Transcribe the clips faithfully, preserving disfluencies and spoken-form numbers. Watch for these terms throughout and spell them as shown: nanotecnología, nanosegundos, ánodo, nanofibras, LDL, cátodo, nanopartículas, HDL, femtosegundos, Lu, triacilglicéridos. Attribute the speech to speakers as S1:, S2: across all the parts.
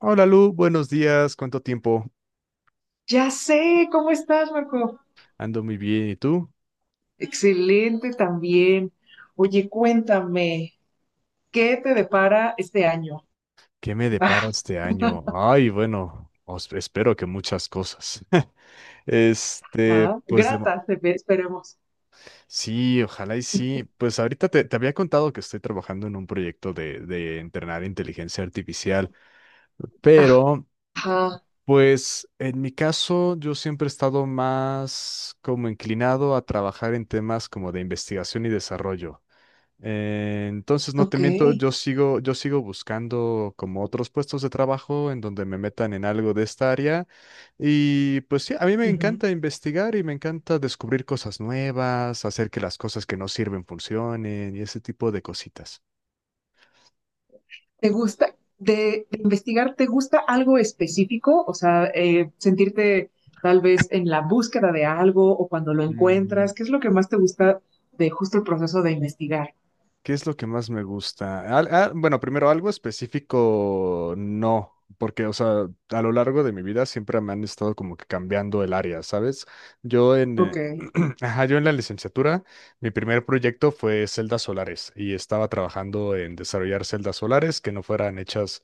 S1: Hola Lu, buenos días, ¿cuánto tiempo?
S2: Ya sé, ¿cómo estás, Marco?
S1: Ando muy bien, ¿y tú?
S2: Excelente también.
S1: ¿Qué
S2: Oye, cuéntame, ¿qué te depara este año?
S1: me depara este año? Ay, bueno, os- espero que muchas cosas. Este,
S2: Ajá,
S1: pues de, mo-
S2: grata, se ve, esperemos.
S1: sí, ojalá y sí. Pues ahorita te, te había contado que estoy trabajando en un proyecto de, de entrenar inteligencia artificial, pero
S2: Ajá,
S1: pues en mi caso yo siempre he estado más como inclinado a trabajar en temas como de investigación y desarrollo. Eh, entonces, no te
S2: ok.
S1: miento, yo sigo, yo sigo buscando como otros puestos de trabajo en donde me metan en algo de esta área. Y pues sí, a mí me
S2: Ujú.
S1: encanta investigar y me encanta descubrir cosas nuevas, hacer que las cosas que no sirven funcionen y ese tipo de cositas.
S2: ¿Te gusta, de, de investigar, te gusta algo específico? O sea, eh, sentirte tal vez en la búsqueda de algo o cuando lo encuentras,
S1: Mm.
S2: ¿qué es lo que más te gusta de justo el proceso de investigar?
S1: ¿Qué es lo que más me gusta? Al- ah, bueno, primero algo específico, no, porque, o sea, a lo largo de mi vida siempre me han estado como que cambiando el área, ¿sabes? Yo en, eh,
S2: Ok.
S1: ajá, yo en la licenciatura, mi primer proyecto fue celdas solares y estaba trabajando en desarrollar celdas solares que no fueran hechas,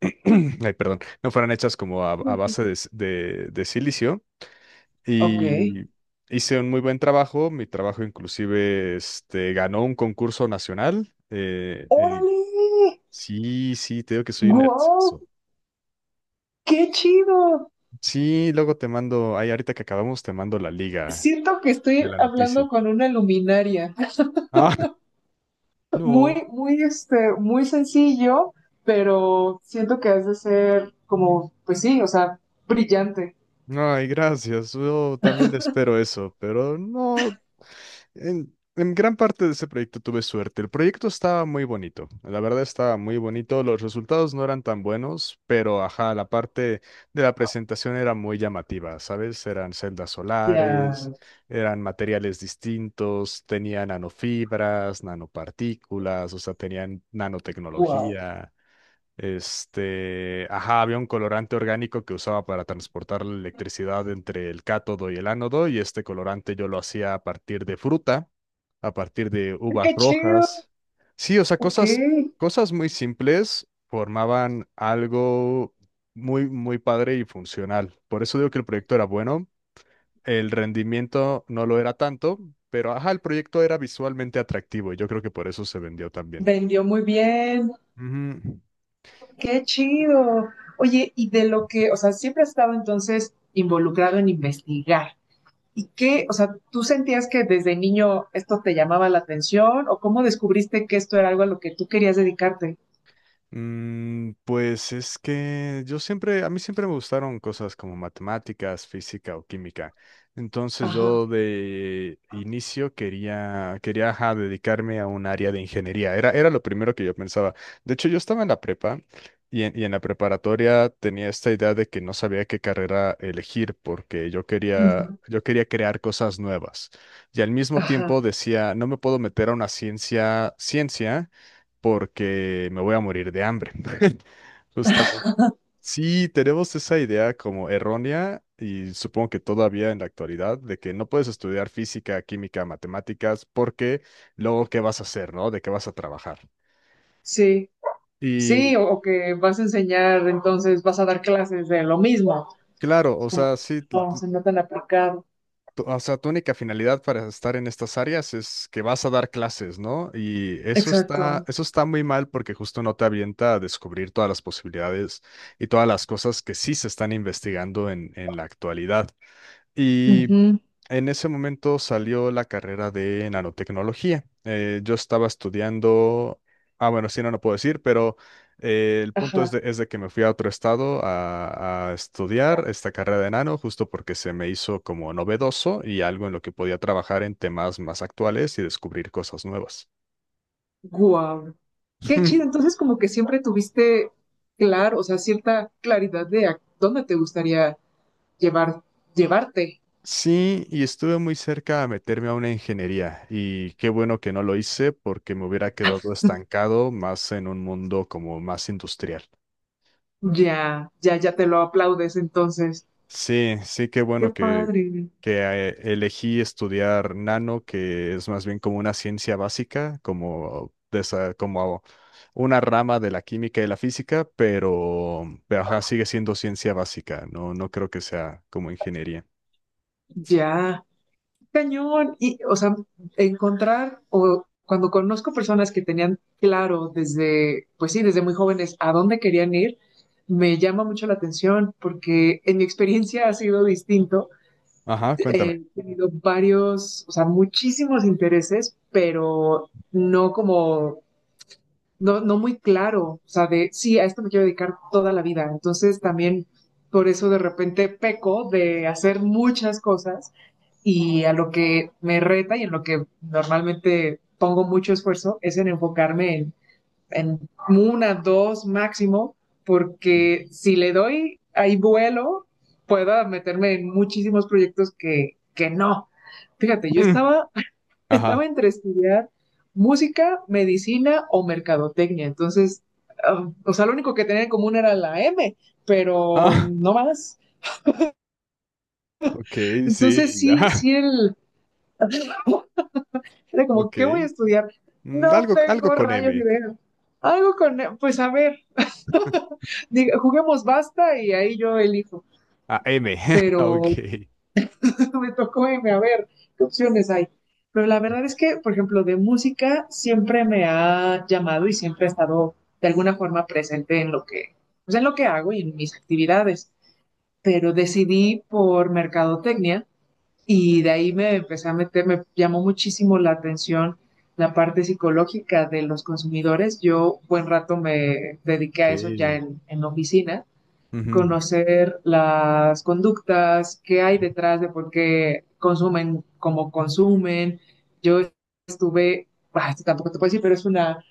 S1: ay, perdón, no fueran hechas como a, a base de, s- de de silicio
S2: Ok.
S1: y hice un muy buen trabajo. Mi trabajo inclusive este, ganó un concurso nacional. Eh, eh,
S2: ¡Órale!
S1: sí, sí, te digo que soy un
S2: Wow.
S1: nerdazo.
S2: ¡Qué chido!
S1: Sí, luego te mando, ay, ahorita que acabamos te mando la liga
S2: Siento que
S1: de
S2: estoy
S1: la noticia.
S2: hablando con una luminaria.
S1: Ah, no.
S2: Muy, muy, este, muy sencillo, pero siento que has de ser como, pues sí, o sea, brillante.
S1: Ay, gracias. Yo también espero eso, pero no. En, en gran parte de ese proyecto tuve suerte. El proyecto estaba muy bonito, la verdad estaba muy bonito. Los resultados no eran tan buenos, pero ajá, la parte de la presentación era muy llamativa, ¿sabes? Eran celdas solares,
S2: Ya,
S1: eran materiales distintos, tenían nanofibras, nanopartículas, o sea, tenían
S2: wow.
S1: nanotecnología. Este, ajá, había un colorante orgánico que usaba para transportar la electricidad entre el cátodo y el ánodo, y este colorante yo lo hacía a partir de fruta, a partir de uvas
S2: ¡Qué chido!
S1: rojas. Sí, o sea,
S2: Ok,
S1: cosas, cosas muy simples formaban algo muy, muy padre y funcional. Por eso digo que el proyecto era bueno. El rendimiento no lo era tanto, pero ajá, el proyecto era visualmente atractivo y yo creo que por eso se vendió también.
S2: vendió muy bien.
S1: Ujú.
S2: ¡Qué chido! Oye, y de lo que, o sea, siempre has estado entonces involucrado en investigar. ¿Y qué, o sea, tú sentías que desde niño esto te llamaba la atención o cómo descubriste que esto era algo a lo que tú querías dedicarte?
S1: Mm, pues es que yo siempre, a mí siempre me gustaron cosas como matemáticas, física o química. Entonces
S2: Ajá.
S1: yo de inicio quería, quería ajá, dedicarme a un área de ingeniería. Era, era lo primero que yo pensaba. De hecho, yo estaba en la prepa y en, y en la preparatoria tenía esta idea de que no sabía qué carrera elegir porque yo quería,
S2: Ujú.
S1: yo quería crear cosas nuevas. Y al mismo tiempo
S2: Ajá,
S1: decía, no me puedo meter a una ciencia, ciencia porque me voy a morir de hambre. Justamente. Sí, tenemos esa idea como errónea y supongo que todavía en la actualidad de que no puedes estudiar física, química, matemáticas porque luego qué vas a hacer, ¿no? ¿De qué vas a trabajar?
S2: sí,
S1: Y
S2: sí, o, o que vas a enseñar, entonces vas a dar clases de lo mismo,
S1: claro, o
S2: como
S1: sea, sí,
S2: no, se nota tan aplicado.
S1: tu- o sea, tu única finalidad para estar en estas áreas es que vas a dar clases, ¿no? Y eso está,
S2: Exacto.
S1: eso está muy mal porque justo no te avienta a descubrir todas las posibilidades y todas las cosas que sí se están investigando en, en la actualidad. Y
S2: Ujú.
S1: en ese momento salió la carrera de nanotecnología. Eh, yo estaba estudiando, ah, bueno, sí, no, no puedo decir, pero eh, el punto es de,
S2: Ajá,
S1: es de que me fui a otro estado a, a estudiar esta carrera de nano, justo porque se me hizo como novedoso y algo en lo que podía trabajar en temas más actuales y descubrir cosas nuevas.
S2: guau. Qué chido, entonces como que siempre tuviste claro, o sea, cierta claridad de a dónde te gustaría llevar, llevarte.
S1: Sí, y estuve muy cerca a meterme a una ingeniería y qué bueno que no lo hice porque me hubiera quedado estancado más en un mundo como más industrial.
S2: Ya, ya, ya te lo aplaudes entonces.
S1: Sí, sí, qué
S2: Qué
S1: bueno que,
S2: padre.
S1: que ah, eh, elegí estudiar nano, que es más bien como una ciencia básica, como, de esa- como una rama de la química y la física, pero, pero ajá, sigue siendo ciencia básica, no, no creo que sea como ingeniería.
S2: Ya, cañón. Y, o sea, encontrar o cuando conozco personas que tenían claro desde, pues sí, desde muy jóvenes a dónde querían ir, me llama mucho la atención porque en mi experiencia ha sido distinto.
S1: Ajá, cuéntame.
S2: He tenido varios, o sea, muchísimos intereses, pero no como no, no muy claro, o sea, de sí, a esto me quiero dedicar toda la vida. Entonces también por eso de repente peco de hacer muchas cosas y a lo que me reta y en lo que normalmente pongo mucho esfuerzo es en enfocarme en, en una, dos máximo,
S1: Mm,
S2: porque si le doy ahí vuelo, puedo meterme en muchísimos proyectos que, que no. Fíjate, yo estaba estaba
S1: ajá.
S2: entre estudiar música, medicina o mercadotecnia. Entonces, ah, o sea, lo único que tenía en común era la M, pero no más.
S1: Ok, sí,
S2: Entonces,
S1: ya.
S2: sí, sí, el… Era como,
S1: Ok.
S2: ¿qué voy a estudiar?
S1: Mm,
S2: No
S1: algo, algo
S2: tengo
S1: con
S2: rayos de
S1: M.
S2: idea. Algo con… E, pues a ver, diga, juguemos basta y ahí yo elijo.
S1: Ah, M.
S2: Pero
S1: Ok.
S2: me tocó irme a ver qué opciones hay. Pero la verdad es que, por ejemplo, de música siempre me ha llamado y siempre ha estado de alguna forma presente en lo que, pues en lo que hago y en mis actividades. Pero decidí por mercadotecnia y de ahí me empecé a meter, me llamó muchísimo la atención la parte psicológica de los consumidores. Yo buen rato me dediqué
S1: Ok.
S2: a eso ya en, en oficina,
S1: Ujú,
S2: conocer las conductas, qué hay detrás de por qué consumen como consumen. Yo estuve, bah, esto tampoco te puedo decir, pero es una,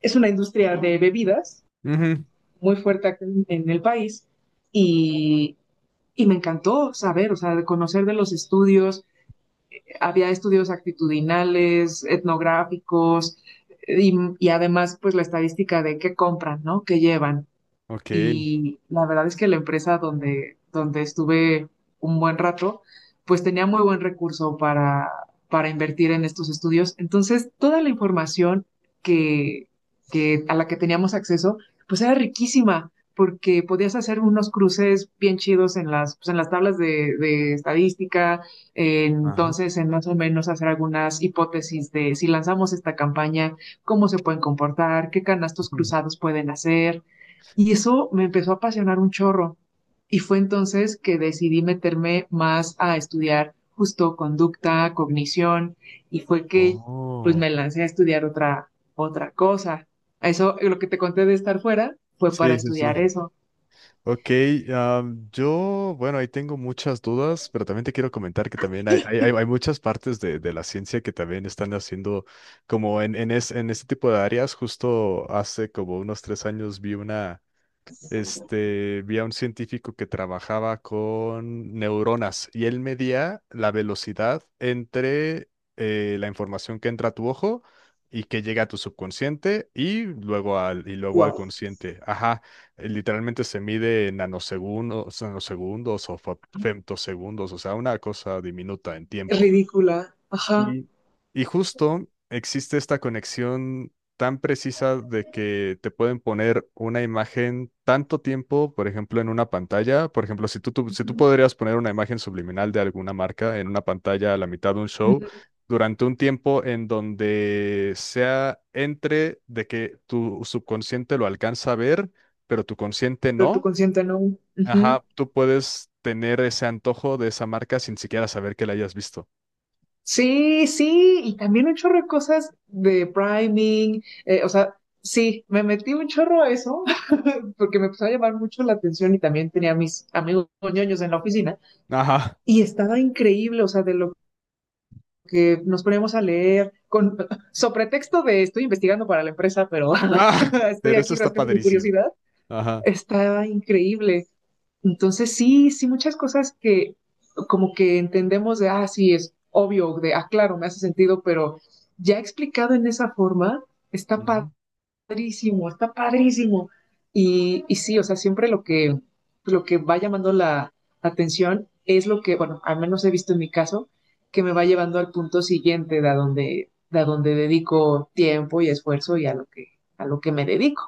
S2: es una industria de bebidas
S1: ujú,
S2: muy fuerte acá en, en el país y, y me encantó saber, o sea, de conocer de los estudios. Había estudios actitudinales, etnográficos y, y además pues la estadística de qué compran, ¿no? ¿Qué llevan?
S1: ok.
S2: Y la verdad es que la empresa donde, donde estuve un buen rato, pues tenía muy buen recurso para, para invertir en estos estudios. Entonces, toda la información que, que a la que teníamos acceso, pues era riquísima, porque podías hacer unos cruces bien chidos en las, pues, en las tablas de, de estadística, eh,
S1: Ajá.
S2: entonces en más o menos hacer algunas hipótesis de si lanzamos esta campaña, cómo se pueden comportar, qué canastos
S1: Mm.
S2: cruzados pueden hacer, y eso me empezó a apasionar un chorro. Y fue entonces que decidí meterme más a estudiar justo conducta, cognición, y fue que pues
S1: Oh.
S2: me lancé a estudiar otra, otra cosa. Eso, lo que te conté de estar fuera, fue para
S1: Sí, sí, sí.
S2: estudiar eso.
S1: Ok, am, yo, bueno, ahí tengo muchas dudas, pero también te quiero comentar que también hay, hay, hay hay muchas partes de, de la ciencia que también están haciendo como en, en, es- en este tipo de áreas. Justo hace como unos tres años vi una este, vi a un científico que trabajaba con neuronas y él medía la velocidad entre eh, la información que entra a tu ojo y que llega a tu subconsciente y luego al, y luego al
S2: Wow,
S1: consciente. Ajá, eh, literalmente se mide en nanosegundos, nanosegundos o fa- femtosegundos, o sea, una cosa diminuta en tiempo.
S2: ridícula. Ajá.
S1: Sí, y justo existe esta conexión tan precisa de que te pueden poner una imagen tanto tiempo, por ejemplo, en una pantalla. Por ejemplo, si tú, tú- si tú
S2: Ujú.
S1: podrías poner una imagen subliminal de alguna marca en una pantalla a la mitad de un show, durante un tiempo en donde sea entre de que tu subconsciente lo alcanza a ver, pero tu consciente
S2: Pero tu
S1: no,
S2: consciente no. Ujú.
S1: ajá, tú puedes tener ese antojo de esa marca sin siquiera saber que la hayas visto.
S2: Sí, sí, y también un chorro de cosas de priming, eh, o sea, sí, me metí un chorro a eso porque me empezó a llamar mucho la atención y también tenía a mis amigos ñoños en la oficina
S1: Ajá.
S2: y estaba increíble, o sea, de lo que nos poníamos a leer con sobre texto de estoy investigando para la empresa, pero
S1: Ah,
S2: estoy
S1: pero eso
S2: aquí
S1: está
S2: rascando mi
S1: padrísimo.
S2: curiosidad,
S1: Ajá.
S2: estaba increíble. Entonces, sí, sí, muchas cosas que como que entendemos de, ah, sí, es obvio, de, ah, claro, me hace sentido, pero ya explicado en esa forma, está
S1: Ujú.
S2: padrísimo, está padrísimo. Y, y sí, o sea, siempre lo que, lo que va llamando la atención es lo que, bueno, al menos he visto en mi caso, que me va llevando al punto siguiente de a donde, de a donde dedico tiempo y esfuerzo y a lo que, a lo que me dedico.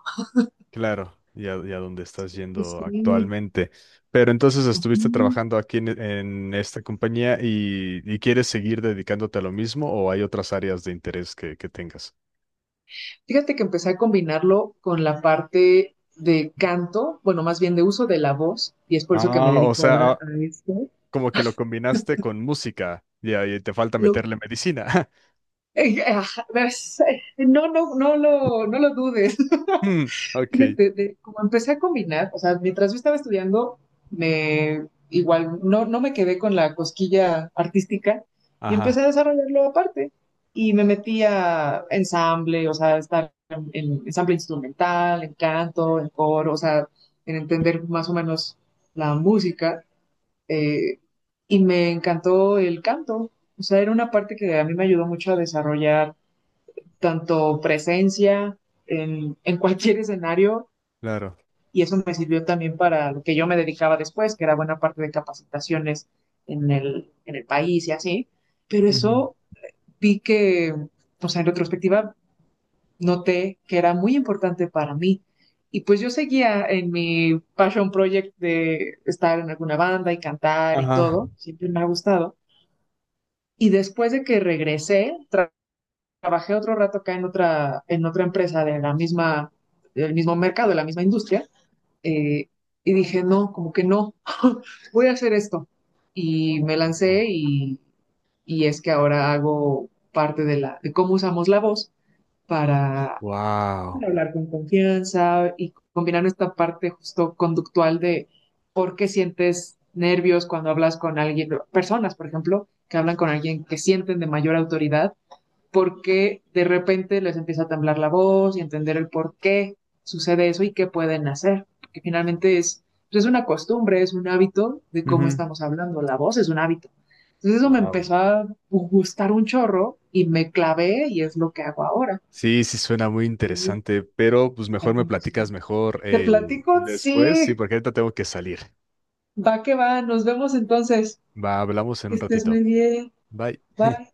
S1: Claro, y a, y a dónde estás yendo
S2: Sí.
S1: actualmente. Pero entonces estuviste
S2: Ujú.
S1: trabajando aquí en, en esta compañía y, y quieres seguir dedicándote a lo mismo o hay otras áreas de interés que, que tengas.
S2: Fíjate que empecé a combinarlo con la parte de canto, bueno, más bien de uso de la voz, y es por eso que me
S1: Ah, o
S2: dedico
S1: sea,
S2: ahora
S1: ah,
S2: a esto.
S1: como que lo combinaste con música y ahí te falta
S2: Lo,
S1: meterle medicina.
S2: eh, ajá, ves, eh, no, no, no lo, no lo dudes.
S1: Hmm, ok.
S2: Fíjate, de- como empecé a combinar, o sea, mientras yo estaba estudiando, me igual no, no me quedé con la cosquilla artística y empecé
S1: Ajá,
S2: a desarrollarlo aparte. Y me metí a ensamble, o sea, estar en, en ensamble instrumental, en canto, en coro, o sea, en entender más o menos la música. eh, y me encantó el canto, o sea, era una parte que a mí me ayudó mucho a desarrollar tanto presencia en, en cualquier escenario
S1: claro.
S2: y eso me sirvió también para lo que yo me dedicaba después, que era buena parte de capacitaciones en el, en el país y así, pero
S1: Ujú,
S2: eso vi que, o sea, en retrospectiva noté que era muy importante para mí. Y pues yo seguía en mi passion project de estar en alguna banda y cantar y
S1: ajá.
S2: todo, siempre me ha gustado. Y después de que regresé, tra trabajé otro rato acá en otra, en otra empresa de la misma, del mismo mercado, de la misma industria, eh, y dije, no, como que no, voy a hacer esto. Y me lancé y, y es que ahora hago parte de, la, de cómo usamos la voz para
S1: Wow.
S2: hablar con confianza y combinar esta parte justo conductual de por qué sientes nervios cuando hablas con alguien, personas, por ejemplo, que hablan con alguien que sienten de mayor autoridad, por qué de repente les empieza a temblar la voz y entender el por qué sucede eso y qué pueden hacer. Porque finalmente es, pues es una costumbre, es un hábito de cómo estamos hablando. La voz es un hábito. Entonces eso me
S1: Wow.
S2: empezó a gustar un chorro y me clavé y es lo que hago ahora.
S1: Sí, sí suena muy interesante, pero pues mejor me platicas mejor
S2: Te
S1: eh,
S2: platico,
S1: después, sí,
S2: sí,
S1: porque ahorita tengo que salir.
S2: va que va, nos vemos entonces.
S1: Va, hablamos en
S2: Que
S1: un
S2: estés muy
S1: ratito.
S2: bien,
S1: Bye.
S2: bye.